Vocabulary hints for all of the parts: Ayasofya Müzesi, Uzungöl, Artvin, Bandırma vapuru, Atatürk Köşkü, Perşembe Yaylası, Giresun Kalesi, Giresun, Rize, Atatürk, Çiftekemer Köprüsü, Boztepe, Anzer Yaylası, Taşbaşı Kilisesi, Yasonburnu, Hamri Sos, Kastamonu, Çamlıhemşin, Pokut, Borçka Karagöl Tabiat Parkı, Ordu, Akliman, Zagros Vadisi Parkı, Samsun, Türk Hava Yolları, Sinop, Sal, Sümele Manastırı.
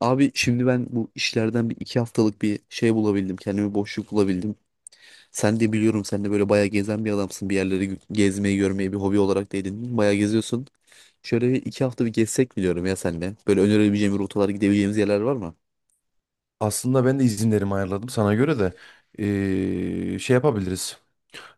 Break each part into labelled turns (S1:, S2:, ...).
S1: Abi şimdi ben bu işlerden bir iki haftalık bir şey bulabildim. Kendime boşluk bulabildim. Sen de böyle bayağı gezen bir adamsın. Gezmeyi görmeyi bir hobi olarak da edindin. Bayağı geziyorsun. Şöyle bir iki hafta bir gezsek mi diyorum ya senle. Böyle önerebileceğim rotalar, gidebileceğimiz yerler var mı?
S2: Aslında ben de izinlerimi ayarladım sana göre de şey yapabiliriz.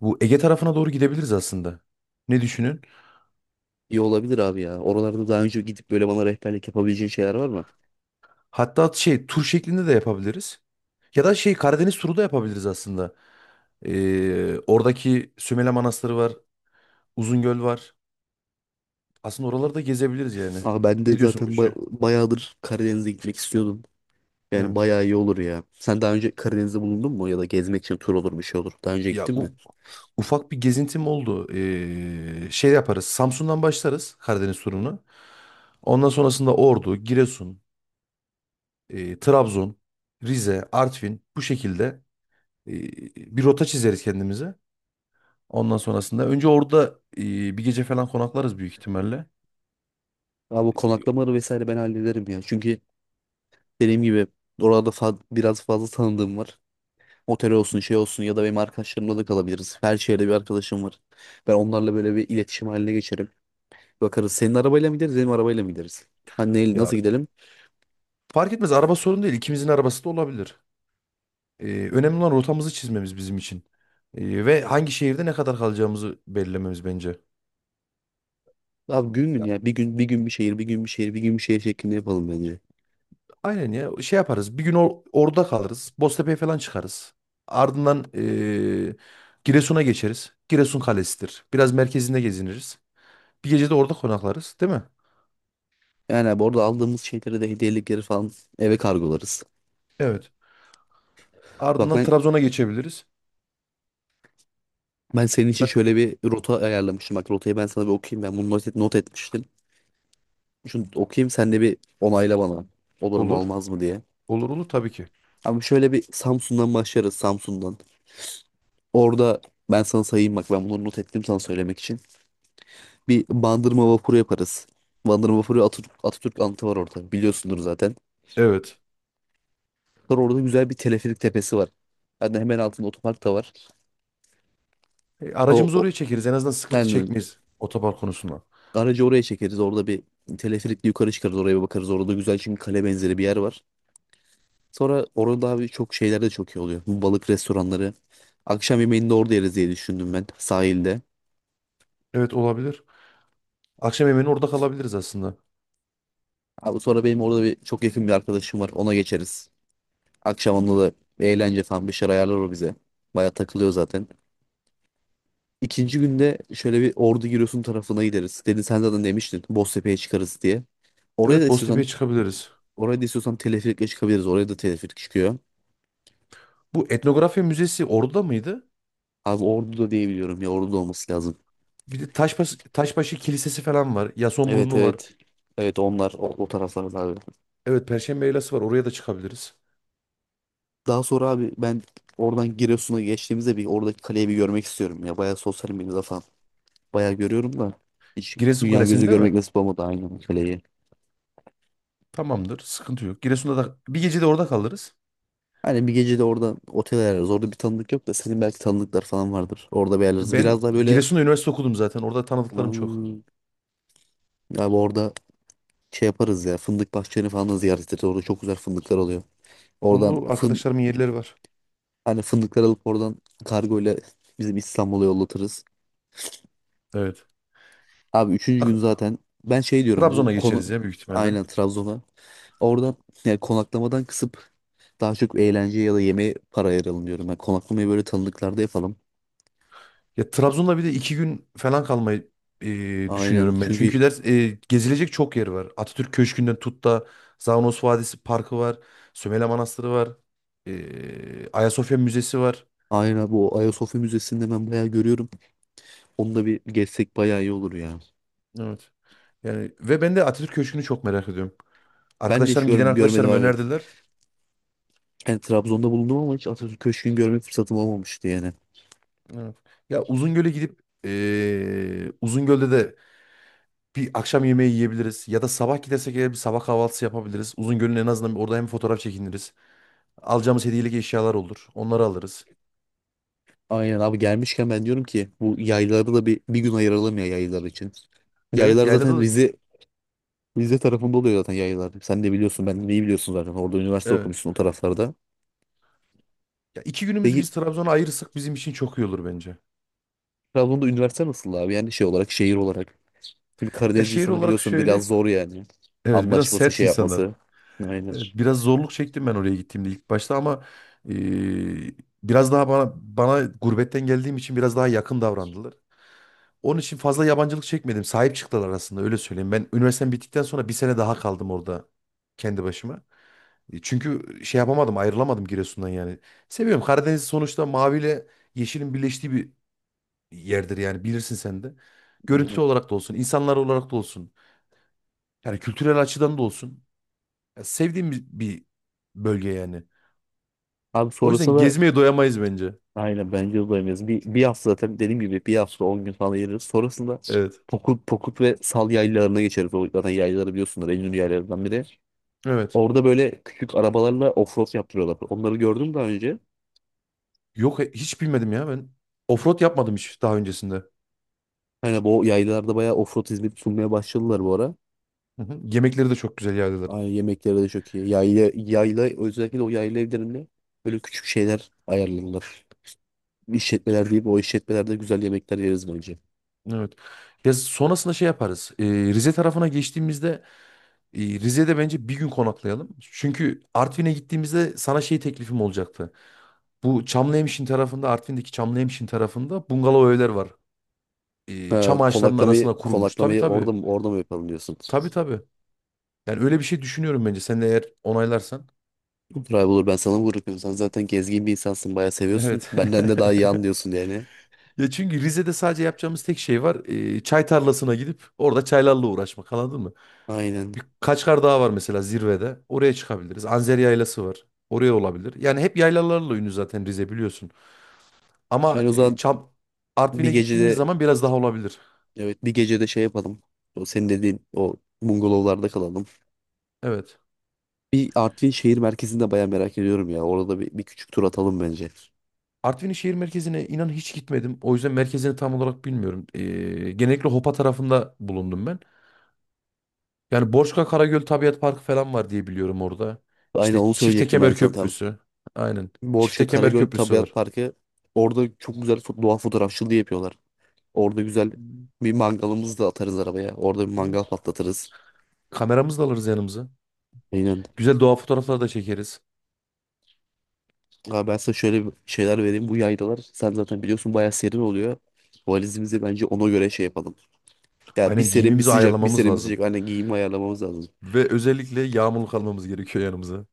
S2: Bu Ege tarafına doğru gidebiliriz aslında. Ne düşünün?
S1: İyi olabilir abi ya. Oralarda daha önce gidip böyle bana rehberlik yapabileceğin şeyler var mı?
S2: Hatta şey tur şeklinde de yapabiliriz. Ya da şey Karadeniz turu da yapabiliriz aslında. Oradaki Sümele Manastırı var, Uzungöl var. Aslında oraları da gezebiliriz yani.
S1: Aa ben de
S2: Ne diyorsun bu
S1: zaten ba-
S2: işe?
S1: Bayağıdır Karadeniz'e gitmek istiyordum. Yani
S2: Evet.
S1: bayağı iyi olur ya. Sen daha önce Karadeniz'de bulundun mu? Ya da gezmek için tur olur bir şey olur. Daha önce
S2: Ya
S1: gittin mi?
S2: u- Ufak bir gezintim oldu. Şey yaparız. Samsun'dan başlarız Karadeniz turunu. Ondan sonrasında Ordu, Giresun. Trabzon, Rize, Artvin bu şekilde e, bir rota çizeriz kendimize. Ondan sonrasında önce orada bir gece falan konaklarız büyük ihtimalle.
S1: Abi bu
S2: E,
S1: konaklamaları vesaire ben hallederim ya. Çünkü dediğim gibi biraz fazla tanıdığım var. Otel olsun şey olsun, ya da benim arkadaşlarımla da kalabiliriz. Her şehirde bir arkadaşım var. Ben onlarla böyle bir iletişim haline geçerim. Bakarız, senin arabayla mı gideriz benim arabayla mı gideriz?
S2: ya
S1: Nasıl gidelim?
S2: fark etmez araba sorun değil. İkimizin arabası da olabilir. E, Önemli olan rotamızı çizmemiz bizim için. E, ve hangi şehirde ne kadar kalacağımızı belirlememiz bence.
S1: Abi gün gün
S2: Ya,
S1: ya, bir gün bir gün, bir şehir bir gün, bir şehir bir gün, bir şehir şeklinde yapalım bence.
S2: aynen ya şey yaparız. Bir gün orada kalırız. Boztepe'ye falan çıkarız. Ardından Giresun'a geçeriz. Giresun Kalesi'dir. Biraz merkezinde geziniriz. Bir gece de orada konaklarız, değil mi?
S1: Yani abi orada aldığımız şeyleri de, hediyelikleri falan eve kargolarız.
S2: Evet.
S1: Bak
S2: Ardından
S1: ben
S2: Trabzon'a geçebiliriz.
S1: ben senin için
S2: Zaten
S1: şöyle bir rota ayarlamıştım. Bak, rotayı ben sana bir okuyayım. Ben bunu not etmiştim. Şunu okuyayım, sen de bir onayla bana. Olur mu
S2: olur.
S1: olmaz mı diye.
S2: Olur olur tabii ki.
S1: Abi şöyle bir Samsun'dan başlarız, Samsun'dan. Orada ben sana sayayım, bak ben bunları not ettim sana söylemek için. Bir Bandırma vapuru yaparız. Bandırma vapuru, Atatürk anıtı var orada, biliyorsundur zaten.
S2: Evet.
S1: Sonra orada güzel bir teleferik tepesi var. Yani hemen altında otopark da var. O,
S2: Aracımızı
S1: o
S2: oraya çekeriz. En azından sıkıntı
S1: yani
S2: çekmeyiz otopark konusunda.
S1: aracı oraya çekeriz, orada bir teleferikle yukarı çıkarız, oraya bir bakarız. Orada güzel, çünkü kale benzeri bir yer var. Sonra orada abi çok şeyler de çok iyi oluyor. Bu balık restoranları. Akşam yemeğini de orada yeriz diye düşündüm ben, sahilde.
S2: Evet olabilir. Akşam yemeğini orada kalabiliriz aslında.
S1: Abi sonra benim orada bir çok yakın bir arkadaşım var. Ona geçeriz. Akşam onunla da bir eğlence falan, bir şeyler ayarlar o bize. Baya takılıyor zaten. İkinci günde şöyle bir Ordu Giresun tarafına gideriz. Dedin sen, zaten demiştin Boztepe'ye çıkarız diye. Oraya da
S2: Evet, Boztepe'ye
S1: istiyorsan
S2: çıkabiliriz.
S1: Oraya da istiyorsan teleferikle çıkabiliriz. Oraya da teleferik çıkıyor.
S2: Bu etnografya müzesi orada mıydı?
S1: Abi Ordu'da diye biliyorum ya, Ordu'da olması lazım.
S2: Bir de Taşbaşı, Taşbaşı Kilisesi falan var.
S1: Evet,
S2: Yasonburnu var.
S1: evet. Evet, onlar o taraflarda abi.
S2: Evet, Perşembe Yaylası var. Oraya da çıkabiliriz.
S1: Daha sonra abi ben oradan Giresun'a geçtiğimizde bir oradaki kaleyi bir görmek istiyorum ya. Bayağı sosyal medyada falan bayağı görüyorum da, hiç
S2: Giresun
S1: dünya gözü
S2: Kalesi'nde mi?
S1: görmek nasip olmadı aynı kaleyi.
S2: Tamamdır. Sıkıntı yok. Giresun'da da bir gece de orada kalırız.
S1: Hani bir gece de orada otel ayarlarız. Orada bir tanıdık yok da senin belki tanıdıklar falan vardır. Orada bir ayarlarız.
S2: Ben
S1: Biraz daha böyle
S2: Giresun'da üniversite okudum zaten. Orada tanıdıklarım çok.
S1: hmm, abi orada şey yaparız ya. Fındık bahçelerini falan da ziyaret ederiz. Orada çok güzel fındıklar oluyor. Oradan
S2: Onu
S1: fın
S2: arkadaşlarımın yerleri var.
S1: Hani fındıklar alıp oradan kargo ile bizim İstanbul'a yollatırız.
S2: Evet.
S1: Abi üçüncü gün
S2: Bak,
S1: zaten ben şey diyorum bu
S2: Trabzon'a
S1: konu,
S2: geçeriz ya büyük ihtimalle.
S1: aynen Trabzon'a. Oradan yani konaklamadan kısıp daha çok eğlence ya da yemeğe para ayıralım diyorum. Yani konaklamayı böyle tanıdıklarda yapalım.
S2: Ya Trabzon'da bir de iki gün falan kalmayı
S1: Aynen
S2: düşünüyorum ben.
S1: çünkü
S2: Çünkü ders gezilecek çok yer var. Atatürk Köşkü'nden tut da Zagros Vadisi Parkı var. Sümele Manastırı var. Ayasofya Müzesi var.
S1: aynen, bu Ayasofya Müzesi'nde ben bayağı görüyorum. Onu da bir gezsek bayağı iyi olur ya.
S2: Evet. Yani ve ben de Atatürk Köşkü'nü çok merak ediyorum.
S1: Ben de hiç
S2: Arkadaşlarım
S1: gör
S2: giden
S1: görmedim
S2: arkadaşlarım
S1: abi.
S2: önerdiler.
S1: Yani Trabzon'da bulundum ama hiç Atatürk Köşkü'nü görme fırsatım olmamıştı yani.
S2: Evet. Ya Uzungöl'e gidip Uzungöl'de de bir akşam yemeği yiyebiliriz ya da sabah gidersek eğer bir sabah kahvaltısı yapabiliriz. Uzungöl'ün en azından orada hem fotoğraf çekiniriz. Alacağımız hediyelik eşyalar olur. Onları alırız.
S1: Aynen abi, gelmişken ben diyorum ki bu yayları da bir gün ayıralım ya, yaylar için.
S2: Evet,
S1: Yaylar
S2: yaylada
S1: zaten
S2: da
S1: Rize Rize tarafında oluyor zaten yaylar. Sen de biliyorsun, ben de iyi biliyorsun zaten. Orada üniversite
S2: evet.
S1: okumuşsun, o taraflarda.
S2: Ya iki günümüzü
S1: Peki
S2: biz Trabzon'a ayırırsak bizim için çok iyi olur bence.
S1: Trabzon'da üniversite nasıl abi? Yani şey olarak, şehir olarak. Şimdi
S2: Ya
S1: Karadeniz
S2: şehir
S1: insanı
S2: olarak
S1: biliyorsun,
S2: şöyle,
S1: biraz zor yani.
S2: evet biraz
S1: Anlaşması,
S2: sert
S1: şey
S2: insanlar.
S1: yapması. Aynen.
S2: Evet, biraz zorluk çektim ben oraya gittiğimde ilk başta ama eee, biraz daha bana gurbetten geldiğim için biraz daha yakın davrandılar. Onun için fazla yabancılık çekmedim. Sahip çıktılar aslında öyle söyleyeyim. Ben üniversitem bittikten sonra bir sene daha kaldım orada kendi başıma. E, çünkü şey yapamadım, ayrılamadım Giresun'dan yani. Seviyorum. Karadeniz sonuçta maviyle yeşilin birleştiği bir yerdir yani bilirsin sen de. Görüntü
S1: Aynen.
S2: olarak da olsun, insanlar olarak da olsun. Yani kültürel açıdan da olsun. Ya sevdiğim bir bölge yani.
S1: Abi
S2: O yüzden
S1: sonrasında
S2: gezmeye doyamayız bence.
S1: aynen, bence uzayamayız. Bir hafta zaten dediğim gibi, bir hafta 10 gün falan yeriz. Sonrasında
S2: Evet.
S1: Pokut ve Sal yaylalarına geçeriz. O zaten yaylaları biliyorsunuz. En ünlü yaylalarından biri.
S2: Evet.
S1: Orada böyle küçük arabalarla offroad yaptırıyorlar. Onları gördüm daha önce.
S2: Yok, hiç bilmedim ya ben. Offroad yapmadım hiç daha öncesinde.
S1: Hani bu yaylalarda bayağı offroad hizmeti sunmaya başladılar bu ara.
S2: Hı hı. Yemekleri de çok güzel yerdeler.
S1: Ay, yemekleri de çok iyi. Yayla, özellikle o yayla evlerinde böyle küçük şeyler ayarlanırlar. İşletmeler değil, o işletmelerde güzel yemekler yeriz bence.
S2: Evet. Ya sonrasında şey yaparız. Rize tarafına geçtiğimizde Rize'de bence bir gün konaklayalım. Çünkü Artvin'e gittiğimizde sana şey teklifim olacaktı. Bu Çamlıhemşin tarafında, Artvin'deki Çamlıhemşin tarafında bungalov evler var.
S1: Ha,
S2: Çam ağaçlarının
S1: konaklamayı,
S2: arasına kurulmuş. Tabii
S1: konaklamayı
S2: tabii.
S1: orada mı yapalım diyorsun?
S2: Tabii tabii. Yani öyle bir şey düşünüyorum bence. Sen de eğer onaylarsan.
S1: Olur abi, olur, ben sana bırakıyorum. Sen zaten gezgin bir insansın, bayağı seviyorsun.
S2: Evet.
S1: Benden de daha iyi anlıyorsun yani.
S2: Ya çünkü Rize'de sadece yapacağımız tek şey var. Çay tarlasına gidip orada çaylarla uğraşmak. Anladın mı?
S1: Aynen.
S2: Birkaç kar daha var mesela zirvede. Oraya çıkabiliriz. Anzer Yaylası var. Oraya olabilir. Yani hep yaylalarla ünlü zaten Rize biliyorsun. Ama
S1: Yani o
S2: e,
S1: zaman
S2: Çam
S1: bir
S2: Artvin'e gittiğimiz
S1: gecede,
S2: zaman biraz daha olabilir.
S1: evet, bir gecede şey yapalım. O senin dediğin o bungalovlarda kalalım.
S2: Evet.
S1: Bir Artvin şehir merkezinde baya merak ediyorum ya. Orada bir küçük tur atalım bence.
S2: Artvin'in şehir merkezine inan hiç gitmedim. O yüzden merkezini tam olarak bilmiyorum. Genellikle Hopa tarafında bulundum ben. Yani Borçka Karagöl Tabiat Parkı falan var diye biliyorum orada.
S1: Aynen,
S2: İşte
S1: onu söyleyecektim ben
S2: Çiftekemer
S1: sana tam.
S2: Köprüsü. Aynen.
S1: Borçka
S2: Çiftekemer
S1: Karagöl
S2: Köprüsü
S1: Tabiat
S2: var.
S1: Parkı. Orada çok güzel doğa fotoğrafçılığı yapıyorlar. Orada güzel bir mangalımızı da atarız arabaya. Orada bir
S2: Hı.
S1: mangal patlatırız.
S2: Kameramızı da alırız yanımıza.
S1: Aynen.
S2: Güzel doğa fotoğrafları da çekeriz.
S1: Abi ben sana şöyle bir şeyler vereyim. Bu yaylalar, sen zaten biliyorsun, bayağı serin oluyor. Valizimizi bence ona göre şey yapalım. Ya bir
S2: Aynen
S1: serin bir
S2: giyimimizi
S1: sıcak, bir
S2: ayarlamamız
S1: serin bir
S2: lazım.
S1: sıcak. Aynen giyimi ayarlamamız lazım.
S2: Ve özellikle yağmurluk almamız gerekiyor yanımıza.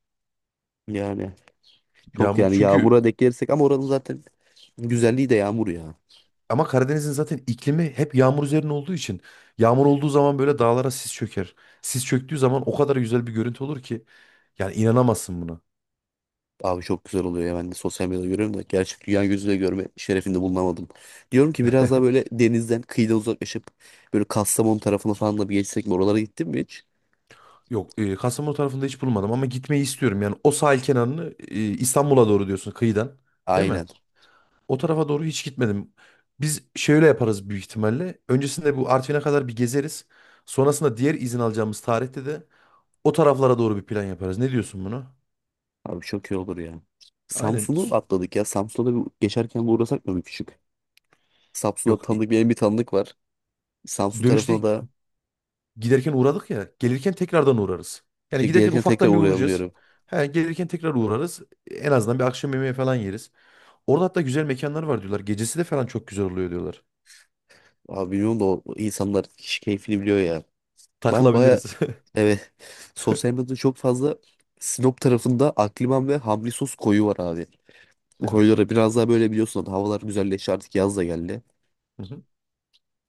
S1: Yani çok,
S2: Yağmurluk
S1: yani
S2: çünkü
S1: yağmura denk gelirsek, ama oranın zaten güzelliği de yağmur ya.
S2: ama Karadeniz'in zaten iklimi hep yağmur üzerine olduğu için yağmur olduğu zaman böyle dağlara sis çöker. Sis çöktüğü zaman o kadar güzel bir görüntü olur ki yani inanamazsın buna.
S1: Abi çok güzel oluyor ya, ben de sosyal medyada görüyorum da gerçek dünya gözüyle görme şerefinde bulunamadım. Diyorum ki biraz daha böyle denizden kıyıdan uzaklaşıp böyle Kastamonu tarafına falan da bir geçsek mi? Oralara gittin mi hiç?
S2: Yok, Kastamonu tarafında hiç bulmadım ama gitmeyi istiyorum. Yani o sahil kenarını İstanbul'a doğru diyorsun kıyıdan, değil mi?
S1: Aynen.
S2: O tarafa doğru hiç gitmedim. Biz şöyle yaparız büyük ihtimalle. Öncesinde bu Artvin'e kadar bir gezeriz. Sonrasında diğer izin alacağımız tarihte de o taraflara doğru bir plan yaparız. Ne diyorsun buna?
S1: Abi çok iyi olur ya.
S2: Aynen.
S1: Samsun'u atladık ya. Samsun'a da bir geçerken bir uğrasak mı bir küçük? Samsun'da
S2: Yok.
S1: tanıdık, benim bir tanıdık var. Samsun
S2: Dönüşte
S1: tarafına da
S2: giderken uğradık ya. Gelirken tekrardan uğrarız. Yani
S1: şey,
S2: giderken
S1: gelirken tekrar
S2: ufaktan bir
S1: uğrayalım
S2: uğrayacağız.
S1: diyorum.
S2: He, gelirken tekrar uğrarız. En azından bir akşam yemeği falan yeriz. Orada hatta güzel mekanlar var diyorlar. Gecesi de falan çok güzel oluyor diyorlar.
S1: Abi bilmiyorum da, o insanlar kişi keyfini biliyor ya. Ben baya,
S2: Takılabiliriz.
S1: evet, sosyal medyada çok fazla Sinop tarafında Akliman ve Hamri Sos koyu var abi. Bu
S2: Evet.
S1: koylara biraz daha böyle, biliyorsun havalar güzelleşti, artık yaz da geldi.
S2: Hı hı.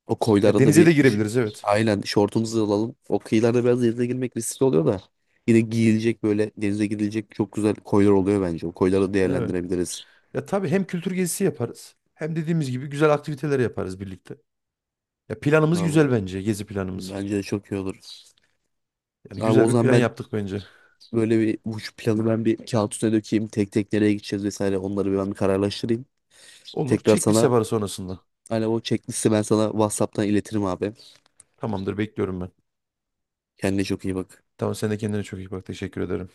S1: O
S2: Ya
S1: koylara da
S2: denize
S1: bir
S2: de
S1: ş-
S2: girebiliriz, evet.
S1: Aynen şortumuzu alalım. O kıyılarda biraz denize girmek riskli oluyor da, yine giyilecek böyle, denize gidilecek çok güzel koylar oluyor bence. O koyları
S2: Evet.
S1: değerlendirebiliriz.
S2: Ya tabii hem kültür gezisi yaparız. Hem dediğimiz gibi güzel aktiviteler yaparız birlikte. Ya planımız
S1: Vallahi
S2: güzel bence. Gezi planımız.
S1: bence de çok iyi olur.
S2: Yani
S1: Abi
S2: güzel
S1: o
S2: bir
S1: zaman
S2: plan
S1: ben
S2: yaptık bence.
S1: böyle bir bu şu planı ben bir kağıt üstüne dökeyim. Tek tek nereye gideceğiz vesaire, onları bir ben bir kararlaştırayım.
S2: Olur.
S1: Tekrar
S2: Çek
S1: sana,
S2: liste sonrasında.
S1: alo, o checklist'i ben sana WhatsApp'tan iletirim abi.
S2: Tamamdır, bekliyorum ben.
S1: Kendine çok iyi bak.
S2: Tamam, sen de kendine çok iyi bak. Teşekkür ederim.